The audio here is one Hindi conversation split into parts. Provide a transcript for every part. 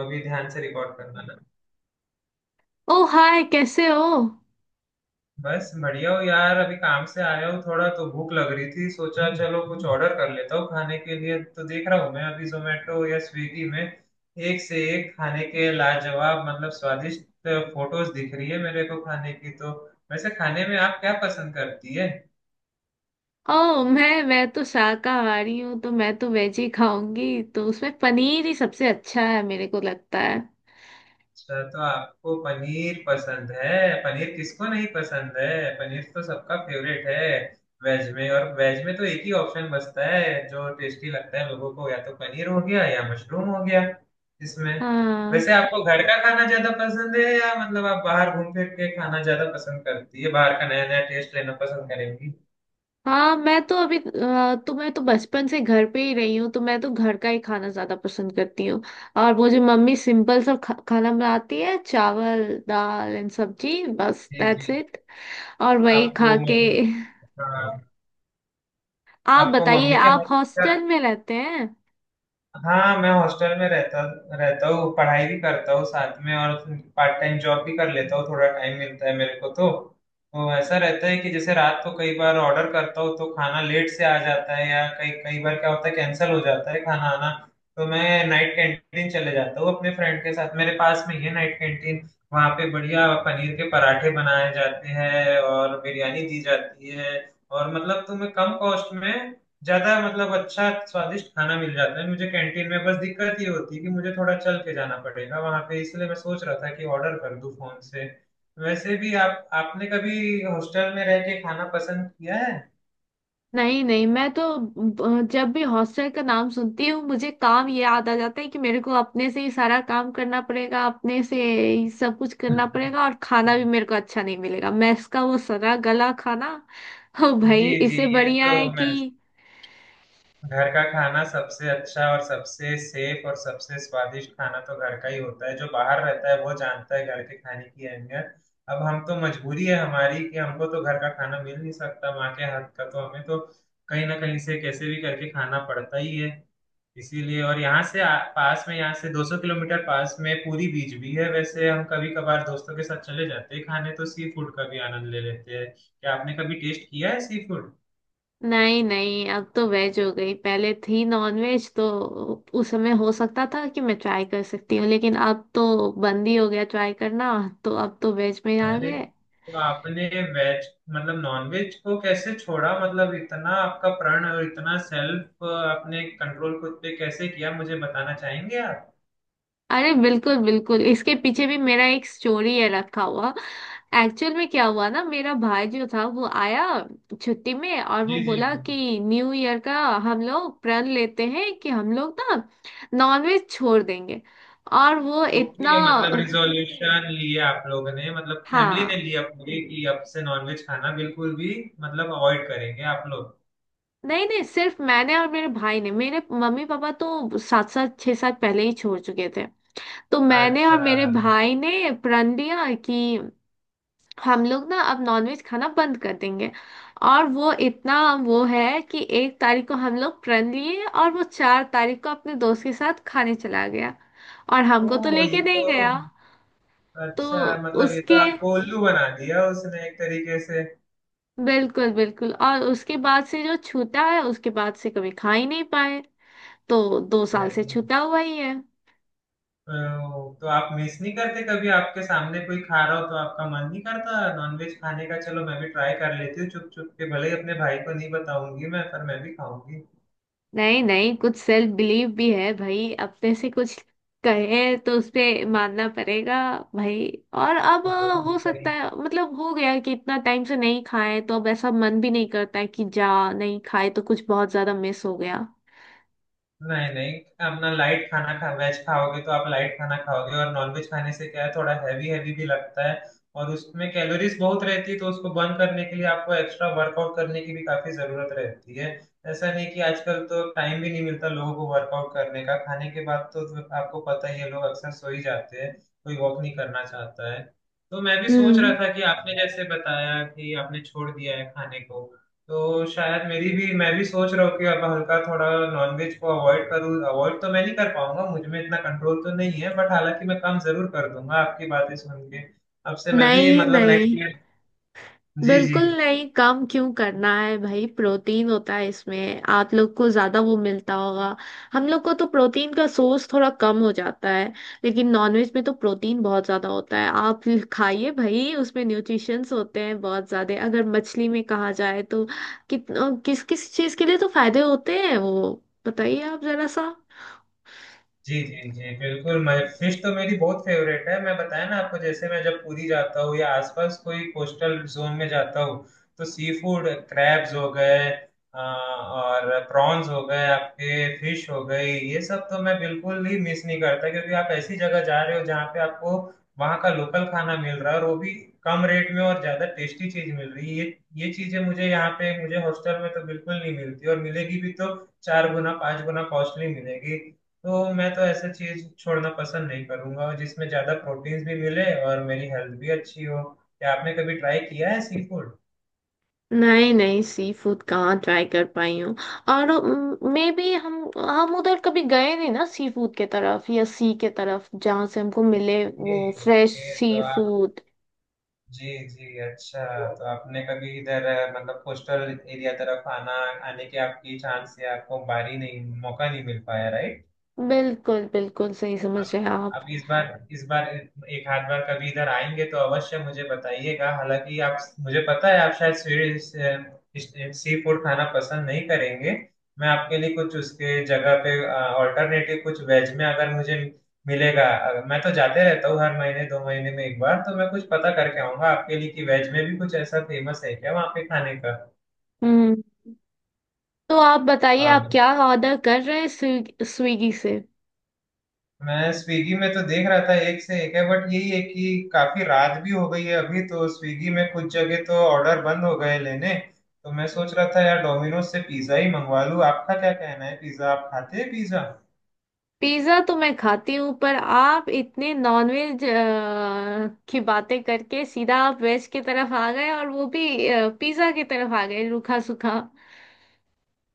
अभी ध्यान से रिकॉर्ड करना ना। ओ हाय, कैसे हो? बस बढ़िया हो यार, अभी काम से आया हूँ, थोड़ा तो भूख लग रही थी, सोचा चलो कुछ ऑर्डर कर लेता हूँ खाने के लिए। तो देख रहा हूँ मैं अभी जोमेटो या स्विगी में एक से एक खाने के लाजवाब, मतलब स्वादिष्ट फोटोज दिख रही है मेरे को खाने की। तो वैसे खाने में आप क्या पसंद करती है? ओ, मैं तो शाकाहारी हूँ, तो मैं तो वेज ही खाऊंगी। तो उसमें पनीर ही सबसे अच्छा है मेरे को लगता है। अच्छा तो आपको पनीर पसंद है। पनीर किसको नहीं पसंद है। पनीर तो सबका फेवरेट है। वेज में, और वेज में तो एक ही ऑप्शन बचता है जो टेस्टी लगता है लोगों को, या तो पनीर हो गया या मशरूम हो गया इसमें। हाँ, वैसे आपको घर का खाना ज्यादा पसंद है, या मतलब आप बाहर घूम फिर के खाना ज्यादा पसंद करती है, बाहर का नया नया टेस्ट लेना पसंद करेंगी? हाँ, मैं तो अभी तो मैं तो बचपन से घर पे ही रही हूँ, तो मैं तो घर का ही खाना ज्यादा पसंद करती हूँ। और मुझे मम्मी सिंपल सब खाना बनाती है, चावल दाल एंड सब्जी, बस जी जी। That's it. और वही आपको खा के। मम्मी, हाँ, आप आपको बताइए, मम्मी के आप हाथ का। हॉस्टल में रहते हैं? हाँ मैं हॉस्टल में रहता रहता हूँ, पढ़ाई भी करता हूँ साथ में, और पार्ट टाइम जॉब भी कर लेता हूँ, थोड़ा टाइम मिलता है मेरे को तो। तो ऐसा रहता है कि जैसे रात को कई बार ऑर्डर करता हूँ तो खाना लेट से आ जाता है, या कई कई बार क्या होता है कैंसिल हो जाता है खाना आना। तो मैं नाइट कैंटीन चले जाता हूँ अपने फ्रेंड के साथ, मेरे पास में ही है नाइट कैंटीन। वहाँ पे बढ़िया पनीर के पराठे बनाए जाते हैं और बिरयानी दी जाती है, और मतलब तुम्हें कम कॉस्ट में ज्यादा मतलब अच्छा स्वादिष्ट खाना मिल जाता है मुझे कैंटीन में। बस दिक्कत ये होती है कि मुझे थोड़ा चल के जाना पड़ेगा वहां पे, इसलिए मैं सोच रहा था कि ऑर्डर कर दूं फोन से। वैसे भी आप आपने कभी हॉस्टल में रह के खाना पसंद किया है? नहीं, नहीं, मैं तो जब भी हॉस्टल का नाम सुनती हूँ मुझे काम ये याद आ जाता है कि मेरे को अपने से ही सारा काम करना पड़ेगा, अपने से ही सब कुछ करना हम्म। पड़ेगा, और खाना भी मेरे को अच्छा नहीं मिलेगा, मैस का वो सड़ा गला खाना। ओ जी भाई, जी, इससे ये बढ़िया तो है मैं, कि। घर का खाना सबसे अच्छा, और सबसे सेफ और सबसे स्वादिष्ट खाना तो घर का ही होता है, जो बाहर रहता है वो जानता है घर के खाने की अहमियत। अब हम तो मजबूरी है हमारी कि हमको तो घर का खाना मिल नहीं सकता, माँ के हाथ का तो हमें तो कहीं ना कहीं से कैसे भी करके खाना पड़ता ही है इसीलिए। और यहाँ से पास में, यहाँ से 200 किलोमीटर पास में पूरी बीच भी है, वैसे हम कभी कभार दोस्तों के साथ चले जाते हैं खाने, तो सी फूड का भी आनंद ले लेते हैं। क्या आपने कभी टेस्ट किया है सी फूड? नहीं, नहीं, अब तो वेज हो गई, पहले थी नॉन वेज। तो उस समय हो सकता था कि मैं ट्राई कर सकती हूँ, लेकिन अब तो बंद ही हो गया ट्राई करना। तो अब तो वेज में आ अरे, गए। तो आपने वेज, मतलब नॉनवेज को कैसे छोड़ा, मतलब इतना आपका प्रण, और इतना सेल्फ आपने कंट्रोल खुद पे कैसे किया, मुझे बताना चाहेंगे आप? अरे बिल्कुल, बिल्कुल, इसके पीछे भी मेरा एक स्टोरी है रखा हुआ। एक्चुअल में क्या हुआ ना, मेरा भाई जो था वो आया छुट्टी में, और वो जी जी बोला जी। कि न्यू ईयर का हम लोग प्रण लेते हैं कि हम लोग ना नॉनवेज छोड़ देंगे। और वो इतना। ओके मतलब रिजोल्यूशन लिया आप लोगों ने, मतलब फैमिली ने हाँ। लिया पूरी कि अब से नॉनवेज खाना बिल्कुल भी, मतलब अवॉइड करेंगे आप लोग। नहीं, नहीं, सिर्फ मैंने और मेरे भाई ने, मेरे मम्मी पापा तो सात सात छह साल पहले ही छोड़ चुके थे। तो मैंने और अच्छा। मेरे भाई ने प्रण लिया कि हम लोग ना अब नॉनवेज खाना बंद कर देंगे। और वो इतना, वो है कि 1 तारीख को हम लोग प्रण लिए, और वो 4 तारीख को अपने दोस्त के साथ खाने चला गया। और हमको तो ओ ये लेके तो, नहीं गया। तो अच्छा मतलब ये तो उसके आपको उल्लू बना दिया उसने एक तरीके से। बिल्कुल, बिल्कुल, और उसके बाद से जो छूटा है, उसके बाद से कभी खा ही नहीं पाए। तो 2 साल से अरे, छूटा हुआ ही है। तो आप मिस नहीं करते कभी, आपके सामने कोई खा रहा हो तो आपका मन नहीं करता नॉनवेज खाने का, चलो मैं भी ट्राई कर लेती हूँ चुप चुप के, भले ही अपने भाई को नहीं बताऊंगी मैं, पर मैं भी खाऊंगी? नहीं, नहीं, कुछ सेल्फ बिलीव भी है भाई, अपने से कुछ कहे तो उसपे मानना पड़ेगा, भाई। और अब ओहो, हो सकता सही। है, मतलब हो गया कि इतना टाइम से नहीं खाए तो अब ऐसा मन भी नहीं करता है कि जा, नहीं खाए तो कुछ बहुत ज्यादा मिस हो गया। नहीं नहीं, अपना लाइट खाना खा, वेज खाओगे तो आप लाइट खाना खाओगे, और नॉनवेज खाने से क्या है थोड़ा हैवी हैवी भी लगता है, और उसमें कैलोरीज बहुत रहती है तो उसको बर्न करने के लिए आपको एक्स्ट्रा वर्कआउट करने की भी काफी जरूरत रहती है। ऐसा नहीं कि आजकल तो टाइम भी नहीं मिलता लोगों को वर्कआउट करने का खाने के बाद, तो आपको पता ही है लोग अक्सर सो ही जाते हैं, कोई वॉक नहीं करना चाहता है। तो मैं भी सोच रहा हम्म। था कि आपने जैसे बताया कि आपने छोड़ दिया है खाने को, तो शायद मेरी भी मैं भी सोच रहा हूँ कि अब हल्का थोड़ा नॉनवेज को अवॉइड करूँ। अवॉइड तो मैं नहीं कर पाऊंगा, मुझ में इतना कंट्रोल तो नहीं है, बट हालांकि मैं कम जरूर कर दूंगा आपकी बातें सुन के, अब से मैं भी, नहीं, मतलब नेक्स्ट नहीं, ईयर। जी जी बिल्कुल नहीं, कम क्यों करना है भाई? प्रोटीन होता है इसमें, आप लोग को ज्यादा वो मिलता होगा। हम लोग को तो प्रोटीन का सोर्स थोड़ा कम हो जाता है, लेकिन नॉनवेज में तो प्रोटीन बहुत ज्यादा होता है। आप खाइए भाई, उसमें न्यूट्रिशंस होते हैं बहुत ज्यादा। अगर मछली में कहा जाए तो कित किस किस चीज के लिए तो फायदे होते हैं, वो बताइए आप जरा सा। जी। जी जी बिल्कुल, मैं फिश तो मेरी बहुत फेवरेट है, मैं बताया ना आपको, जैसे मैं जब पुरी जाता हूँ या आसपास कोई कोस्टल जोन में जाता हूँ, तो सी फूड, क्रैब्स हो गए, और प्रॉन्स हो गए आपके, फिश हो गई, ये सब तो मैं बिल्कुल ही मिस नहीं करता, क्योंकि आप ऐसी जगह जा रहे हो जहाँ पे आपको वहाँ का लोकल खाना मिल रहा है, और वो भी कम रेट में, और ज्यादा टेस्टी चीज मिल रही है। ये चीजें मुझे यहाँ पे, मुझे हॉस्टल में तो बिल्कुल नहीं मिलती, और मिलेगी भी तो चार गुना पांच गुना कॉस्टली मिलेगी। तो मैं तो ऐसे चीज छोड़ना पसंद नहीं करूंगा, और जिसमें ज्यादा प्रोटीन्स भी मिले और मेरी हेल्थ भी अच्छी हो। क्या आपने कभी ट्राई किया है सी फूड? नहीं, नहीं, सी फूड कहाँ ट्राई कर पाई हूँ। और मे भी हम उधर कभी गए नहीं ना, सी फूड के तरफ या सी के तरफ, जहाँ से हमको मिले जी, वो फ्रेश ओके सी तो आप, फूड। जी जी अच्छा, तो आपने कभी इधर मतलब कोस्टल एरिया तरफ आना, आने के आपकी चांस या आपको बारी नहीं, मौका नहीं मिल पाया, राइट? बिल्कुल, बिल्कुल, सही समझ अब, रहे हैं आप। इस बार इस बार, एक आध बार कभी इधर आएंगे तो अवश्य मुझे बताइएगा, हालांकि आप, मुझे पता है आप शायद स्वीट सी फूड खाना पसंद नहीं करेंगे, मैं आपके लिए कुछ उसके जगह पे ऑल्टरनेटिव कुछ वेज में अगर मुझे मिलेगा, मैं तो जाते रहता हूँ हर महीने दो महीने में एक बार, तो मैं कुछ पता करके आऊंगा आपके लिए कि वेज में भी कुछ ऐसा फेमस है क्या वहाँ पे खाने हम्म। तो आप बताइए का। आप क्या ऑर्डर कर रहे हैं स्विगी से? मैं स्विगी में तो देख रहा था एक से एक है, बट यही है कि काफी रात भी हो गई है अभी, तो स्विगी में कुछ जगह तो ऑर्डर बंद हो गए लेने। तो मैं सोच रहा था यार डोमिनोज से पिज्जा ही मंगवा लूं, आपका क्या कहना है, पिज्जा आप खाते हैं पिज्जा? पिज्जा तो मैं खाती हूँ, पर आप इतने नॉनवेज की बातें करके सीधा आप वेज की तरफ आ गए, और वो भी पिज्जा की तरफ आ गए, रूखा सूखा।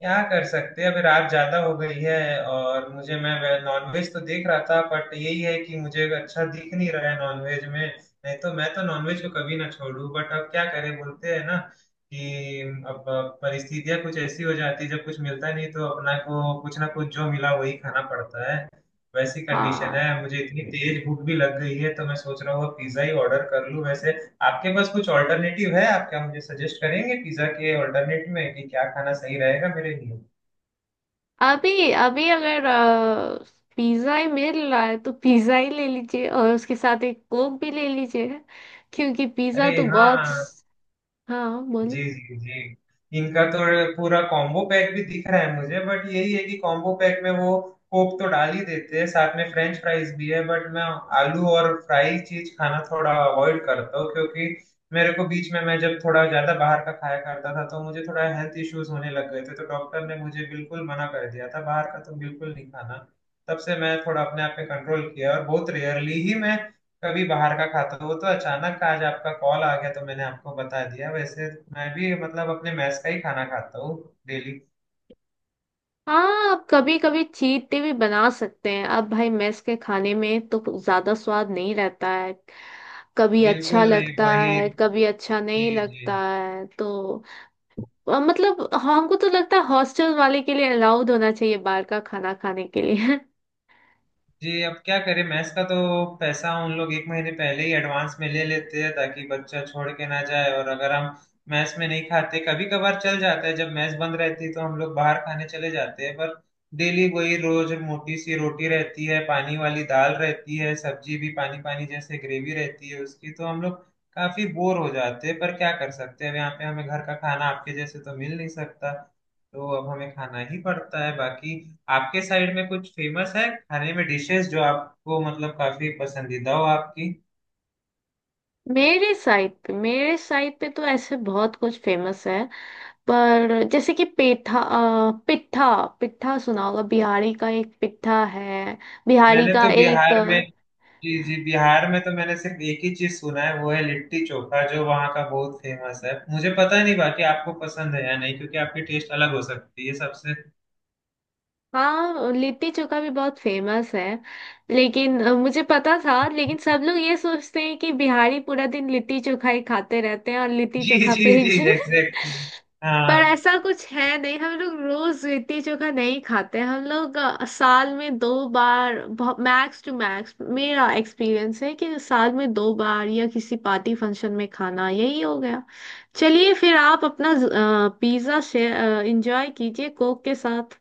क्या कर सकते हैं, अभी रात ज्यादा हो गई है, और मुझे, मैं नॉनवेज तो देख रहा था, बट यही है कि मुझे अच्छा दिख नहीं रहा है नॉनवेज में। नहीं तो मैं तो नॉनवेज को कभी ना छोड़ू, बट अब क्या करें, बोलते हैं ना कि अब परिस्थितियां कुछ ऐसी हो जाती है, जब कुछ मिलता नहीं तो अपना को कुछ ना कुछ जो मिला वही खाना पड़ता है। वैसी कंडीशन हाँ, है, मुझे इतनी तेज भूख भी लग गई है, तो मैं सोच रहा हूँ पिज्जा ही ऑर्डर कर लूँ। वैसे आपके पास कुछ ऑल्टरनेटिव है, आप क्या मुझे सजेस्ट करेंगे पिज्जा के ऑल्टरनेटिव में कि क्या खाना सही रहेगा मेरे लिए? अभी अभी अगर पिज्जा ही मिल रहा है तो पिज्जा ही ले लीजिए, और उसके साथ एक कोक भी ले लीजिए, क्योंकि अरे पिज्जा तो बहुत। हाँ। हाँ, जी बोलिए। जी जी, इनका तो पूरा कॉम्बो पैक भी दिख रहा है मुझे, बट यही है कि कॉम्बो पैक में वो कोक तो डाल ही देते हैं साथ में, फ्रेंच फ्राइज भी है, बट मैं आलू और फ्राई चीज खाना थोड़ा अवॉइड करता हूँ, क्योंकि मेरे को बीच में, मैं जब थोड़ा ज्यादा बाहर का खाया करता था तो मुझे थोड़ा हेल्थ इश्यूज होने लग गए थे, तो डॉक्टर ने मुझे बिल्कुल मना कर दिया था बाहर का तो बिल्कुल नहीं खाना। तब से मैं थोड़ा अपने आप पे कंट्रोल किया, और बहुत रेयरली ही मैं कभी बाहर का खाता हूँ। वो तो अचानक आज आपका कॉल आ गया तो मैंने आपको बता दिया, वैसे मैं भी, मतलब अपने मैस का ही खाना खाता हूँ डेली। हाँ, आप कभी कभी चीट डे भी बना सकते हैं। अब भाई मेस के खाने में तो ज्यादा स्वाद नहीं रहता है, कभी अच्छा बिल्कुल, नहीं लगता वही, है कभी अच्छा जी नहीं जी लगता है, तो मतलब हमको तो लगता है हॉस्टल वाले के लिए अलाउड होना चाहिए बाहर का खाना खाने के लिए। जी। अब क्या करें, मैथ्स का तो पैसा उन लोग एक महीने पहले ही एडवांस में ले लेते हैं, ताकि बच्चा छोड़ के ना जाए, और अगर हम मैथ्स में नहीं खाते कभी कभार चल जाता है, जब मैथ्स बंद रहती है तो हम लोग बाहर खाने चले जाते हैं, पर डेली वही रोज मोटी सी रोटी रहती है, पानी वाली दाल रहती है, सब्जी भी पानी पानी जैसे ग्रेवी रहती है उसकी, तो हम लोग काफी बोर हो जाते हैं, पर क्या कर सकते हैं, अब यहाँ पे हमें घर का खाना आपके जैसे तो मिल नहीं सकता, तो अब हमें खाना ही पड़ता है। बाकी आपके साइड में कुछ फेमस है खाने में, डिशेस जो आपको मतलब काफी पसंदीदा हो आपकी? मेरे साइड पे, मेरे साइड पे तो ऐसे बहुत कुछ फेमस है। पर जैसे कि पिट्ठा। पिट्ठा सुना होगा? बिहारी का एक पिट्ठा है, बिहारी मैंने का तो एक। बिहार में, जी जी, बिहार में तो मैंने सिर्फ एक ही चीज सुना है वो है लिट्टी चोखा, जो वहाँ का बहुत फेमस है। मुझे पता नहीं बाकी आपको पसंद है या नहीं, क्योंकि आपकी टेस्ट अलग हो सकती है सबसे। हाँ, लिट्टी चोखा भी बहुत फेमस है। लेकिन मुझे पता था, लेकिन सब लोग ये सोचते हैं कि बिहारी पूरा दिन लिट्टी चोखा ही खाते रहते हैं और लिट्टी जी चोखा जी पे ही जी, एग्जैक्टली। हाँ। पर ऐसा कुछ है नहीं, हम लोग रोज लिट्टी चोखा नहीं खाते हैं। हम लोग साल में 2 बार, मैक्स टू मैक्स मेरा एक्सपीरियंस है कि साल में 2 बार या किसी पार्टी फंक्शन में खाना, यही हो गया। चलिए फिर आप अपना पिज्ज़ा शेयर इंजॉय कीजिए कोक के साथ।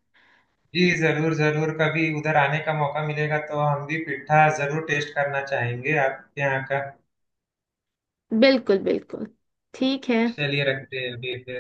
जी जरूर जरूर, कभी उधर आने का मौका मिलेगा तो हम भी पिट्ठा जरूर टेस्ट करना चाहेंगे आपके यहाँ का। बिल्कुल, बिल्कुल। ठीक है। चलिए रखते हैं अभी फिर।